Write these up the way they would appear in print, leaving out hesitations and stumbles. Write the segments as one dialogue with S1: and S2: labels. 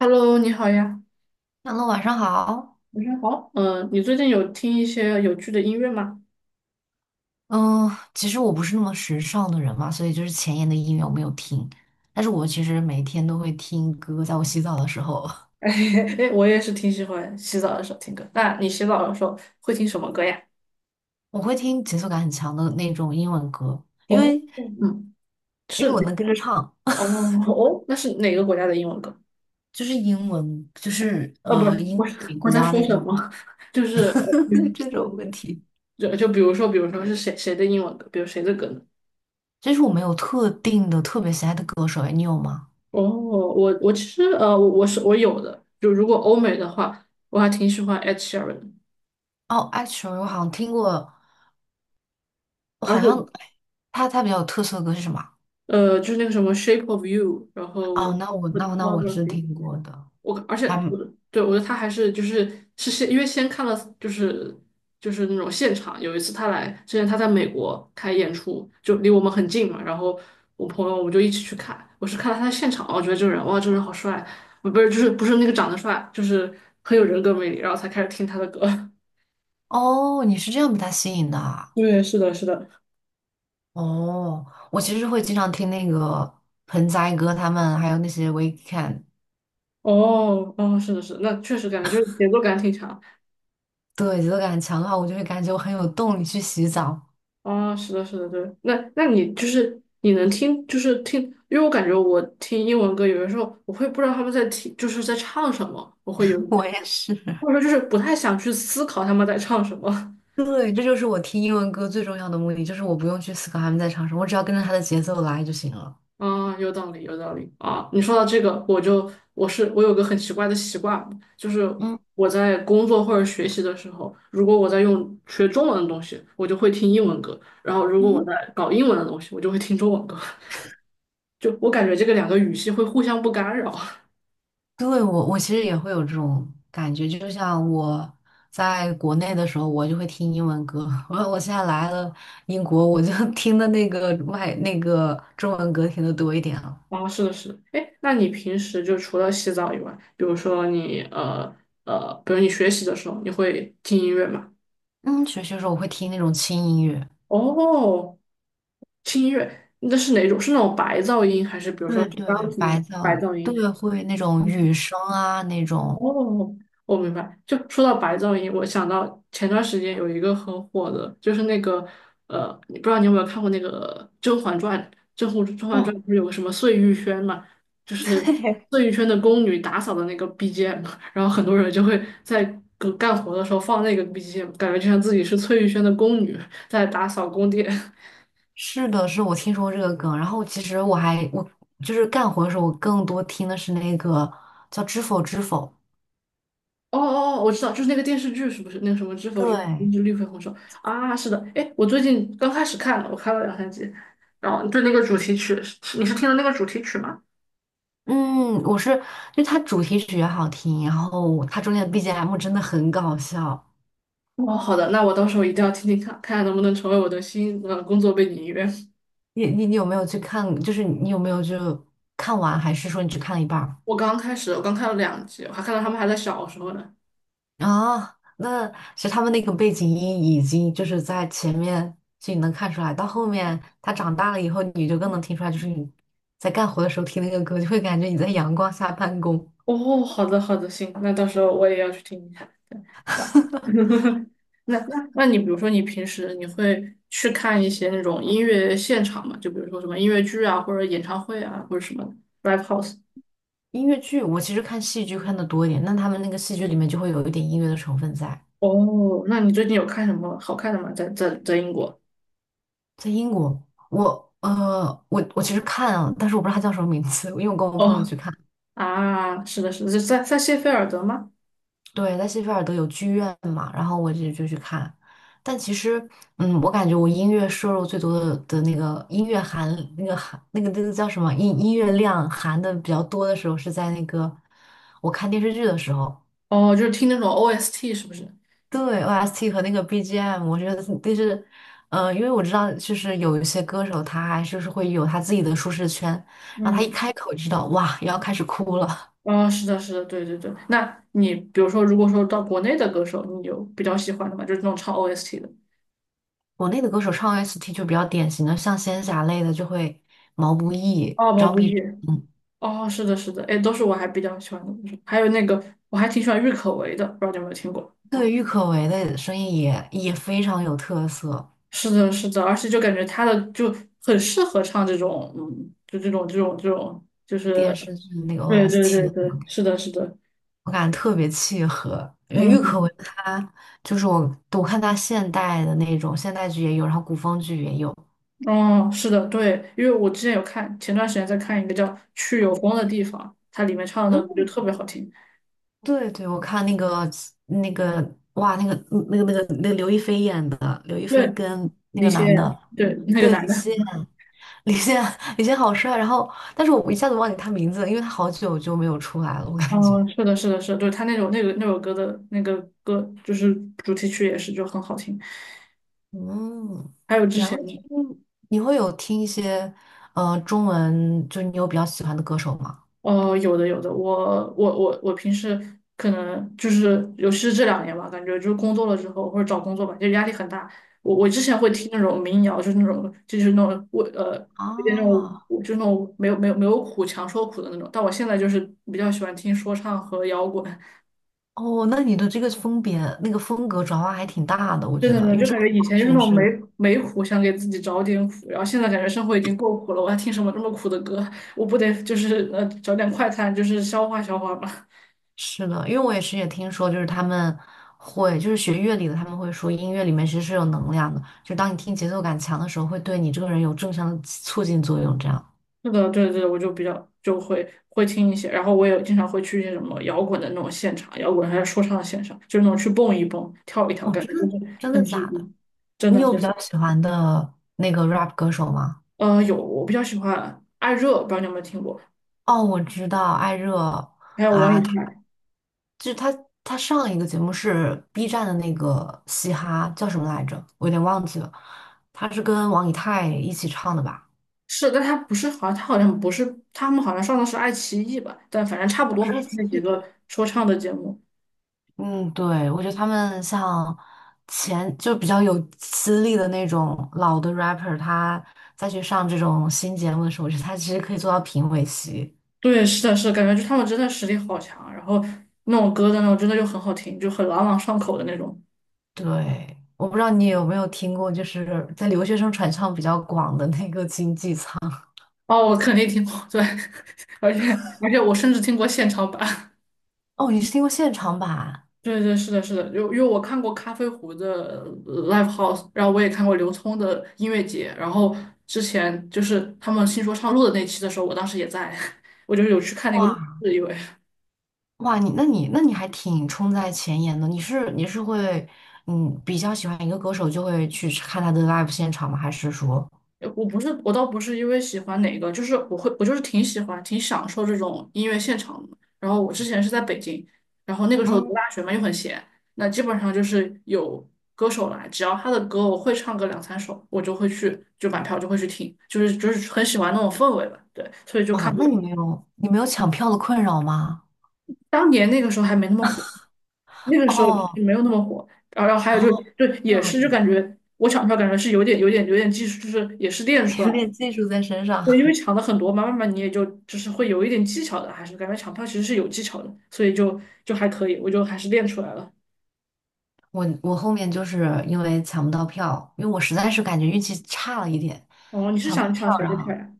S1: Hello，你好呀。
S2: 哈喽，晚上好。
S1: 晚上好，嗯，你最近有听一些有趣的音乐吗？
S2: 嗯，其实我不是那么时尚的人嘛，所以就是前沿的音乐我没有听，但是我其实每天都会听歌，在我洗澡的时候，
S1: 哎，我也是挺喜欢洗澡的时候听歌。那你洗澡的时候会听什么歌呀？
S2: 我会听节奏感很强的那种英文歌，因
S1: 哦，
S2: 为
S1: 嗯，
S2: 因为
S1: 是。
S2: 我能跟着唱，
S1: 哦 哦，那是哪个国家的英文歌？
S2: 就是英文，就是
S1: 哦，不是，
S2: 英
S1: 我是，
S2: 美
S1: 我
S2: 国
S1: 在
S2: 啊
S1: 说
S2: 那
S1: 什
S2: 种
S1: 么？就是
S2: 这种问题。
S1: 就比如说，比如说是谁谁的英文歌，比如谁的歌呢？
S2: 其实我没有特定的特别喜爱的歌手，哎，你有吗？
S1: 哦，我其实我有的，就如果欧美的话，我还挺喜欢 Ed Sheeran 的。
S2: 哦，actually 我好像听过，我好像哎他比较有特色的歌是什么
S1: 就是那个什么《Shape of You》，然
S2: 啊哦，
S1: 后
S2: 那我
S1: Photography
S2: 是听
S1: 这些。
S2: 过的。
S1: 我而且
S2: 还
S1: 我的对我觉得他还是就是是先因为先看了就是就是那种现场，有一次他来之前他在美国开演出，就离我们很近嘛，然后我朋友我们就一起去看，我是看了他的现场，我觉得这个人哇，这个人好帅，不是就是不是那个长得帅，就是很有人格魅力，然后才开始听他的歌。
S2: 哦，你是这样被他吸引的啊？
S1: 对，是的，是的。
S2: 哦，我其实会经常听那个盆栽哥他们，还有那些 Weekend，
S1: 哦哦，是的，是的，那确实感觉就是节奏感挺强。
S2: 对，节奏感强的话，我就会感觉我很有动力去洗澡。
S1: 哦，是的，是的，对。那那你，就是听，因为我感觉我听英文歌，有的时候我会不知道他们在听，就是在唱什么，我会有一
S2: 我
S1: 点，
S2: 也是。
S1: 或者说就是不太想去思考他们在唱什么。
S2: 对，这就是我听英文歌最重要的目的，就是我不用去思考他们在唱什么，我只要跟着他的节奏来就行了。
S1: 啊、有道理，有道理啊！你说到这个，我就我是我有个很奇怪的习惯，就是
S2: 嗯
S1: 我在工作或者学习的时候，如果我在用学中文的东西，我就会听英文歌；然后如果我在
S2: 嗯，
S1: 搞英文的东西，我就会听中文歌。就我感觉这个两个语系会互相不干扰。
S2: 对，我其实也会有这种感觉，就像我在国内的时候，我就会听英文歌。我现在来了英国，我就 听的那个外那个中文歌听的多一点了。
S1: 哦，是的，是的。哎，那你平时就除了洗澡以外，比如说你比如你学习的时候，你会听音乐吗？
S2: 嗯，学习的时候我会听那种轻音乐，
S1: 哦，听音乐，那是哪种？是那种白噪音，还是比如说
S2: 对
S1: 是
S2: 对，
S1: 钢琴的
S2: 白噪
S1: 白
S2: 音，
S1: 噪音？
S2: 对，会那种雨声啊那种。
S1: 哦，我明白。就说到白噪音，我想到前段时间有一个很火的，就是那个你不知道你有没有看过那个《甄嬛传》？《甄嬛传》
S2: 嗯，
S1: 不是有个什么碎玉轩嘛？就是
S2: 对，
S1: 碎玉轩的宫女打扫的那个 BGM，然后很多人就会在干活的时候放那个 BGM，感觉就像自己是碎玉轩的宫女在打扫宫殿。
S2: 是的，是我听说过这个梗。然后其实我就是干活的时候，我更多听的是那个叫《知否知否》。
S1: 哦哦哦，我知道，就是那个电视剧，是不是那个什么《知否知
S2: 对。
S1: 知绿肥红瘦》啊？是的，哎，我最近刚开始看了，我看了两三集，然后对那个主题曲，是你是听了那个主题曲吗？
S2: 嗯，我是，就它主题曲也好听，然后它中间的 BGM 真的很搞笑。
S1: 哦，好的，那我到时候一定要听听看，看看能不能成为我的新工作背景音乐。
S2: 你有没有去看？就是你有没有就看完，还是说你只看了一半儿？
S1: 我刚开始，我刚看了两集，我还看到他们还在小时候呢。
S2: 啊，那其实他们那个背景音已经就是在前面就你能看出来，到后面他长大了以后，你就更能听出来，就是你在干活的时候听那个歌，就会感觉你在阳光下办公。
S1: 哦，好的好的，行，那到时候我也要去听一下。对。 那你比如说你平时你会去看一些那种音乐现场嘛？就比如说什么音乐剧啊，或者演唱会啊，或者什么 live house。
S2: 音乐剧我其实看戏剧看的多一点，那他们那个戏剧里面就会有一点音乐的成分在。
S1: 哦，那你最近有看什么好看的吗？在英国？
S2: 在英国，我其实看啊，但是我不知道它叫什么名字，因为我跟我朋友
S1: 哦，
S2: 去看。
S1: 啊，是的，是的，是在谢菲尔德吗？
S2: 对，在谢菲尔德有剧院嘛，然后我就去看。但其实，嗯，我感觉我音乐摄入最多的那个音乐含那个含那个那个叫什么音乐量含的比较多的时候，是在那个我看电视剧的时候。
S1: 哦，就是听那种 OST 是不是？
S2: 对 OST 和那个 BGM，我觉得就是，嗯、因为我知道，就是有一些歌手他还是会有他自己的舒适圈，然后他一
S1: 嗯。
S2: 开口就知道，哇，又要开始哭了。
S1: 哦，是的，是的，对对对。那你比如说，如果说到国内的歌手，你有比较喜欢的吗？就是那种唱 OST 的。
S2: 国内的歌手唱 OST 就比较典型的，像仙侠类的就会毛不易、
S1: 哦，毛
S2: 张
S1: 不
S2: 碧
S1: 易，
S2: 晨，
S1: 哦，是的，是的，哎，都是我还比较喜欢的，还有那个我还挺喜欢郁可唯的，不知道你有没有听过？
S2: 对，郁可唯的声音也非常有特色。
S1: 是的，是的，而且就感觉他的就很适合唱这种，嗯，就这种，就是，
S2: 电视剧的那个
S1: 对对对
S2: OST，
S1: 对，是的，是的。
S2: 我感觉特别契合。因为郁
S1: 嗯。
S2: 可唯她就是我看她现代的那种现代剧也有，然后古风剧也有。
S1: 哦，是的，对，因为我之前有看，前段时间在看一个叫《去有风的地方》，它里面唱的那个
S2: 嗯。
S1: 就特别好听。
S2: 对对，我看那个哇，那个刘亦菲演的，刘亦菲
S1: 对，
S2: 跟那
S1: 李
S2: 个男
S1: 现，
S2: 的，
S1: 对，那个
S2: 对，
S1: 男
S2: 李
S1: 的。
S2: 现，李现，李现好帅。然后，但是我一下子忘记他名字了因为他好久就没有出来了，我感觉。
S1: 嗯，是的，是的，是的，对，他那首那个那首歌的那个歌，就是主题曲也是就很好听。
S2: 嗯，
S1: 还有之
S2: 然后
S1: 前的，
S2: 你会有听一些中文，就你有比较喜欢的歌手吗？
S1: 哦，有的有的，我平时可能就是，尤其是这两年吧，感觉就是工作了之后或者找工作吧，就压力很大。我之前会听那种民谣，就是那种就是那种我
S2: 啊，
S1: 有点那种就那种没有苦强说苦的那种，但我现在就是比较喜欢听说唱和摇滚。
S2: 哦，那你的这个风别那个风格转化还挺大的，我觉
S1: 真
S2: 得，
S1: 的，
S2: 因为
S1: 就
S2: 这
S1: 感
S2: 完
S1: 觉以前就是那
S2: 全
S1: 种没
S2: 是
S1: 没苦，想给自己找点苦，然后现在感觉生活已经够苦了，我还听什么这么苦的歌？我不得就是找点快餐，就是消化消化吧。
S2: 是的，因为我也是也听说，就是他们会，就是学乐理的，他们会说音乐里面其实是有能量的，就当你听节奏感强的时候，会对你这个人有正向的促进作用。这样，
S1: 那个，对对，我就比较就会听一些，然后我也经常会去一些什么摇滚的那种现场，摇滚还有说唱的现场，就是那种去蹦一蹦、跳一跳，
S2: 哦，
S1: 感
S2: 真
S1: 觉就
S2: 的
S1: 是
S2: 真的
S1: 很治
S2: 假的？
S1: 愈。真
S2: 你
S1: 的
S2: 有比
S1: 是。
S2: 较喜欢的那个 rap 歌手吗？
S1: 有，我比较喜欢艾热，不知道你有没有听过，
S2: 哦，我知道艾热
S1: 还有王以
S2: 啊，他
S1: 太，
S2: 就是他，他上一个节目是 B 站的那个嘻哈叫什么来着？我有点忘记了，他是跟王以太一起唱的吧？
S1: 是，但他不是好像，他好像不是，他们好像上的是爱奇艺吧？但反正差不
S2: 好
S1: 多
S2: 像
S1: 嘛
S2: 是
S1: 那几个说唱的节目。
S2: 嗯，对，我觉得他们像前就比较有资历的那种老的 rapper，他再去上这种新节目的时候，我觉得他其实可以做到评委席。
S1: 对，是的，是的，感觉就他们真的实力好强，然后那种歌的那种真的就很好听，就很朗朗上口的那种。
S2: 对，我不知道你有没有听过，就是在留学生传唱比较广的那个经济舱。
S1: 哦，我肯定听过，对，而且而且我甚至听过现场版。
S2: 哦，你是听过现场版？
S1: 对对，是的，是的，就因为我看过咖啡壶的live house，然后我也看过刘聪的音乐节，然后之前就是他们新说唱录的那期的时候，我当时也在，我就是有去看那个录
S2: 哇
S1: 制，因为。
S2: 哇，你还挺冲在前沿的。你是会比较喜欢一个歌手就会去看他的 live 现场吗？还是说？
S1: 我不是，我倒不是因为喜欢哪个，就是我会，我就是挺喜欢，挺享受这种音乐现场的。然后我之前是在北京，然后那个时候
S2: 嗯？
S1: 读大学嘛，又很闲，那基本上就是有歌手来，只要他的歌我会唱个两三首，我就会去，就买票就会去听，就是很喜欢那种氛围吧。对，所以就
S2: 哇，
S1: 看过。
S2: 那你没有抢票的困扰吗？
S1: 当年那个时候还没那么火，那个时候就是
S2: 哦
S1: 没有那么火。然后还有就
S2: 哦，
S1: 就
S2: 这
S1: 也
S2: 样
S1: 是就感觉我抢票感觉是有点技术，就是也是练出 来。
S2: 有
S1: 的。
S2: 点技术在身上。
S1: 对，因为 抢的很多嘛，慢慢你也就就是会有一点技巧的，还是感觉抢票其实是有技巧的，所以就就还可以，我就还是练出来了。
S2: 我后面就是因为抢不到票，因为我实在是感觉运气差了一点，
S1: 哦，你是
S2: 抢不到
S1: 想
S2: 票，
S1: 抢谁
S2: 然
S1: 的票
S2: 后
S1: 呀？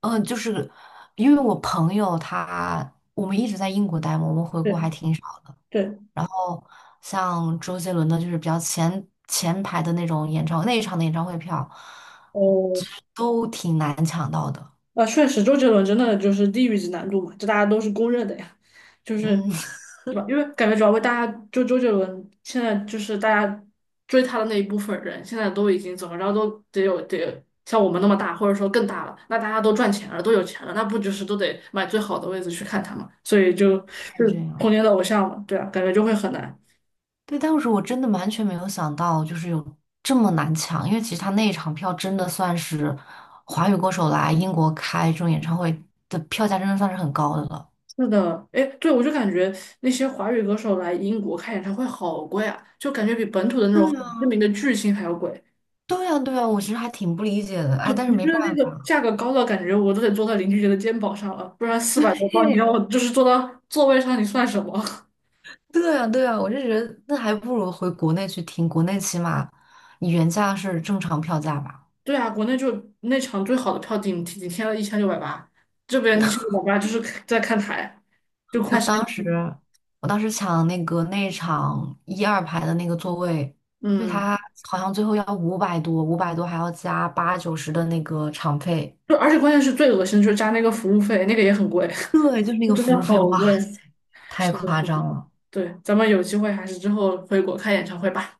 S2: 就是因为我朋友他我们一直在英国待嘛，我们回国
S1: 对
S2: 还挺少。
S1: 对。
S2: 然后像周杰伦的，就是比较前前排的那种演唱那一场的演唱会票，就
S1: 哦，
S2: 是都挺难抢到的。
S1: 啊，确实，周杰伦真的就是地狱级难度嘛，这大家都是公认的呀，就是
S2: 嗯，
S1: 对吧？因为感觉主要为大家就周杰伦现在就是大家追他的那一部分人，现在都已经怎么着都得有得像我们那么大，或者说更大了，那大家都赚钱了，都有钱了，那不就是都得买最好的位置去看他嘛？所以就
S2: 是
S1: 就
S2: 这
S1: 是童
S2: 样。
S1: 年的偶像嘛，对啊，感觉就会很难。
S2: 对，当时我真的完全没有想到，就是有这么难抢，因为其实他那一场票真的算是华语歌手来英国开这种演唱会的票价，真的算是很高的了。
S1: 是的，哎，对，我就感觉那些华语歌手来英国开演唱会好贵啊，就感觉比本土的那种
S2: 对
S1: 很知
S2: 呀，
S1: 名的巨星还要贵。
S2: 对呀，对呀，我其实还挺不理解的，
S1: 就
S2: 哎，但是
S1: 你
S2: 没
S1: 觉得那
S2: 办
S1: 个
S2: 法
S1: 价格高到感觉我都得坐到邻居家的肩膀上了，不然四 百多磅，你让
S2: 嘿，
S1: 我就是坐到座位上，你算什么？
S2: 对呀，对呀，我就觉得那还不如回国内去听，国内起码你原价是正常票价吧。
S1: 对啊，国内就那场最好的票顶天了一千六百八，这边一千六百八就是在看台，就
S2: 我
S1: 快山
S2: 当时，
S1: 顶。
S2: 我当时抢那个内场一二排的那个座位，因为
S1: 嗯，
S2: 他好像最后要五百多，五百多还要加80、90的那个场费，
S1: 就而且关键是最恶心的就是加那个服务费，那个也很贵，
S2: 对，就是 那
S1: 就
S2: 个
S1: 真的
S2: 服务费，
S1: 好
S2: 哇
S1: 贵。
S2: 塞，太
S1: 是的，是
S2: 夸
S1: 的，
S2: 张了。
S1: 对，咱们有机会还是之后回国看演唱会吧。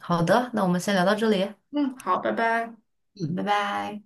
S2: 好的，那我们先聊到这里，
S1: 嗯，好，拜拜。
S2: 嗯，拜拜。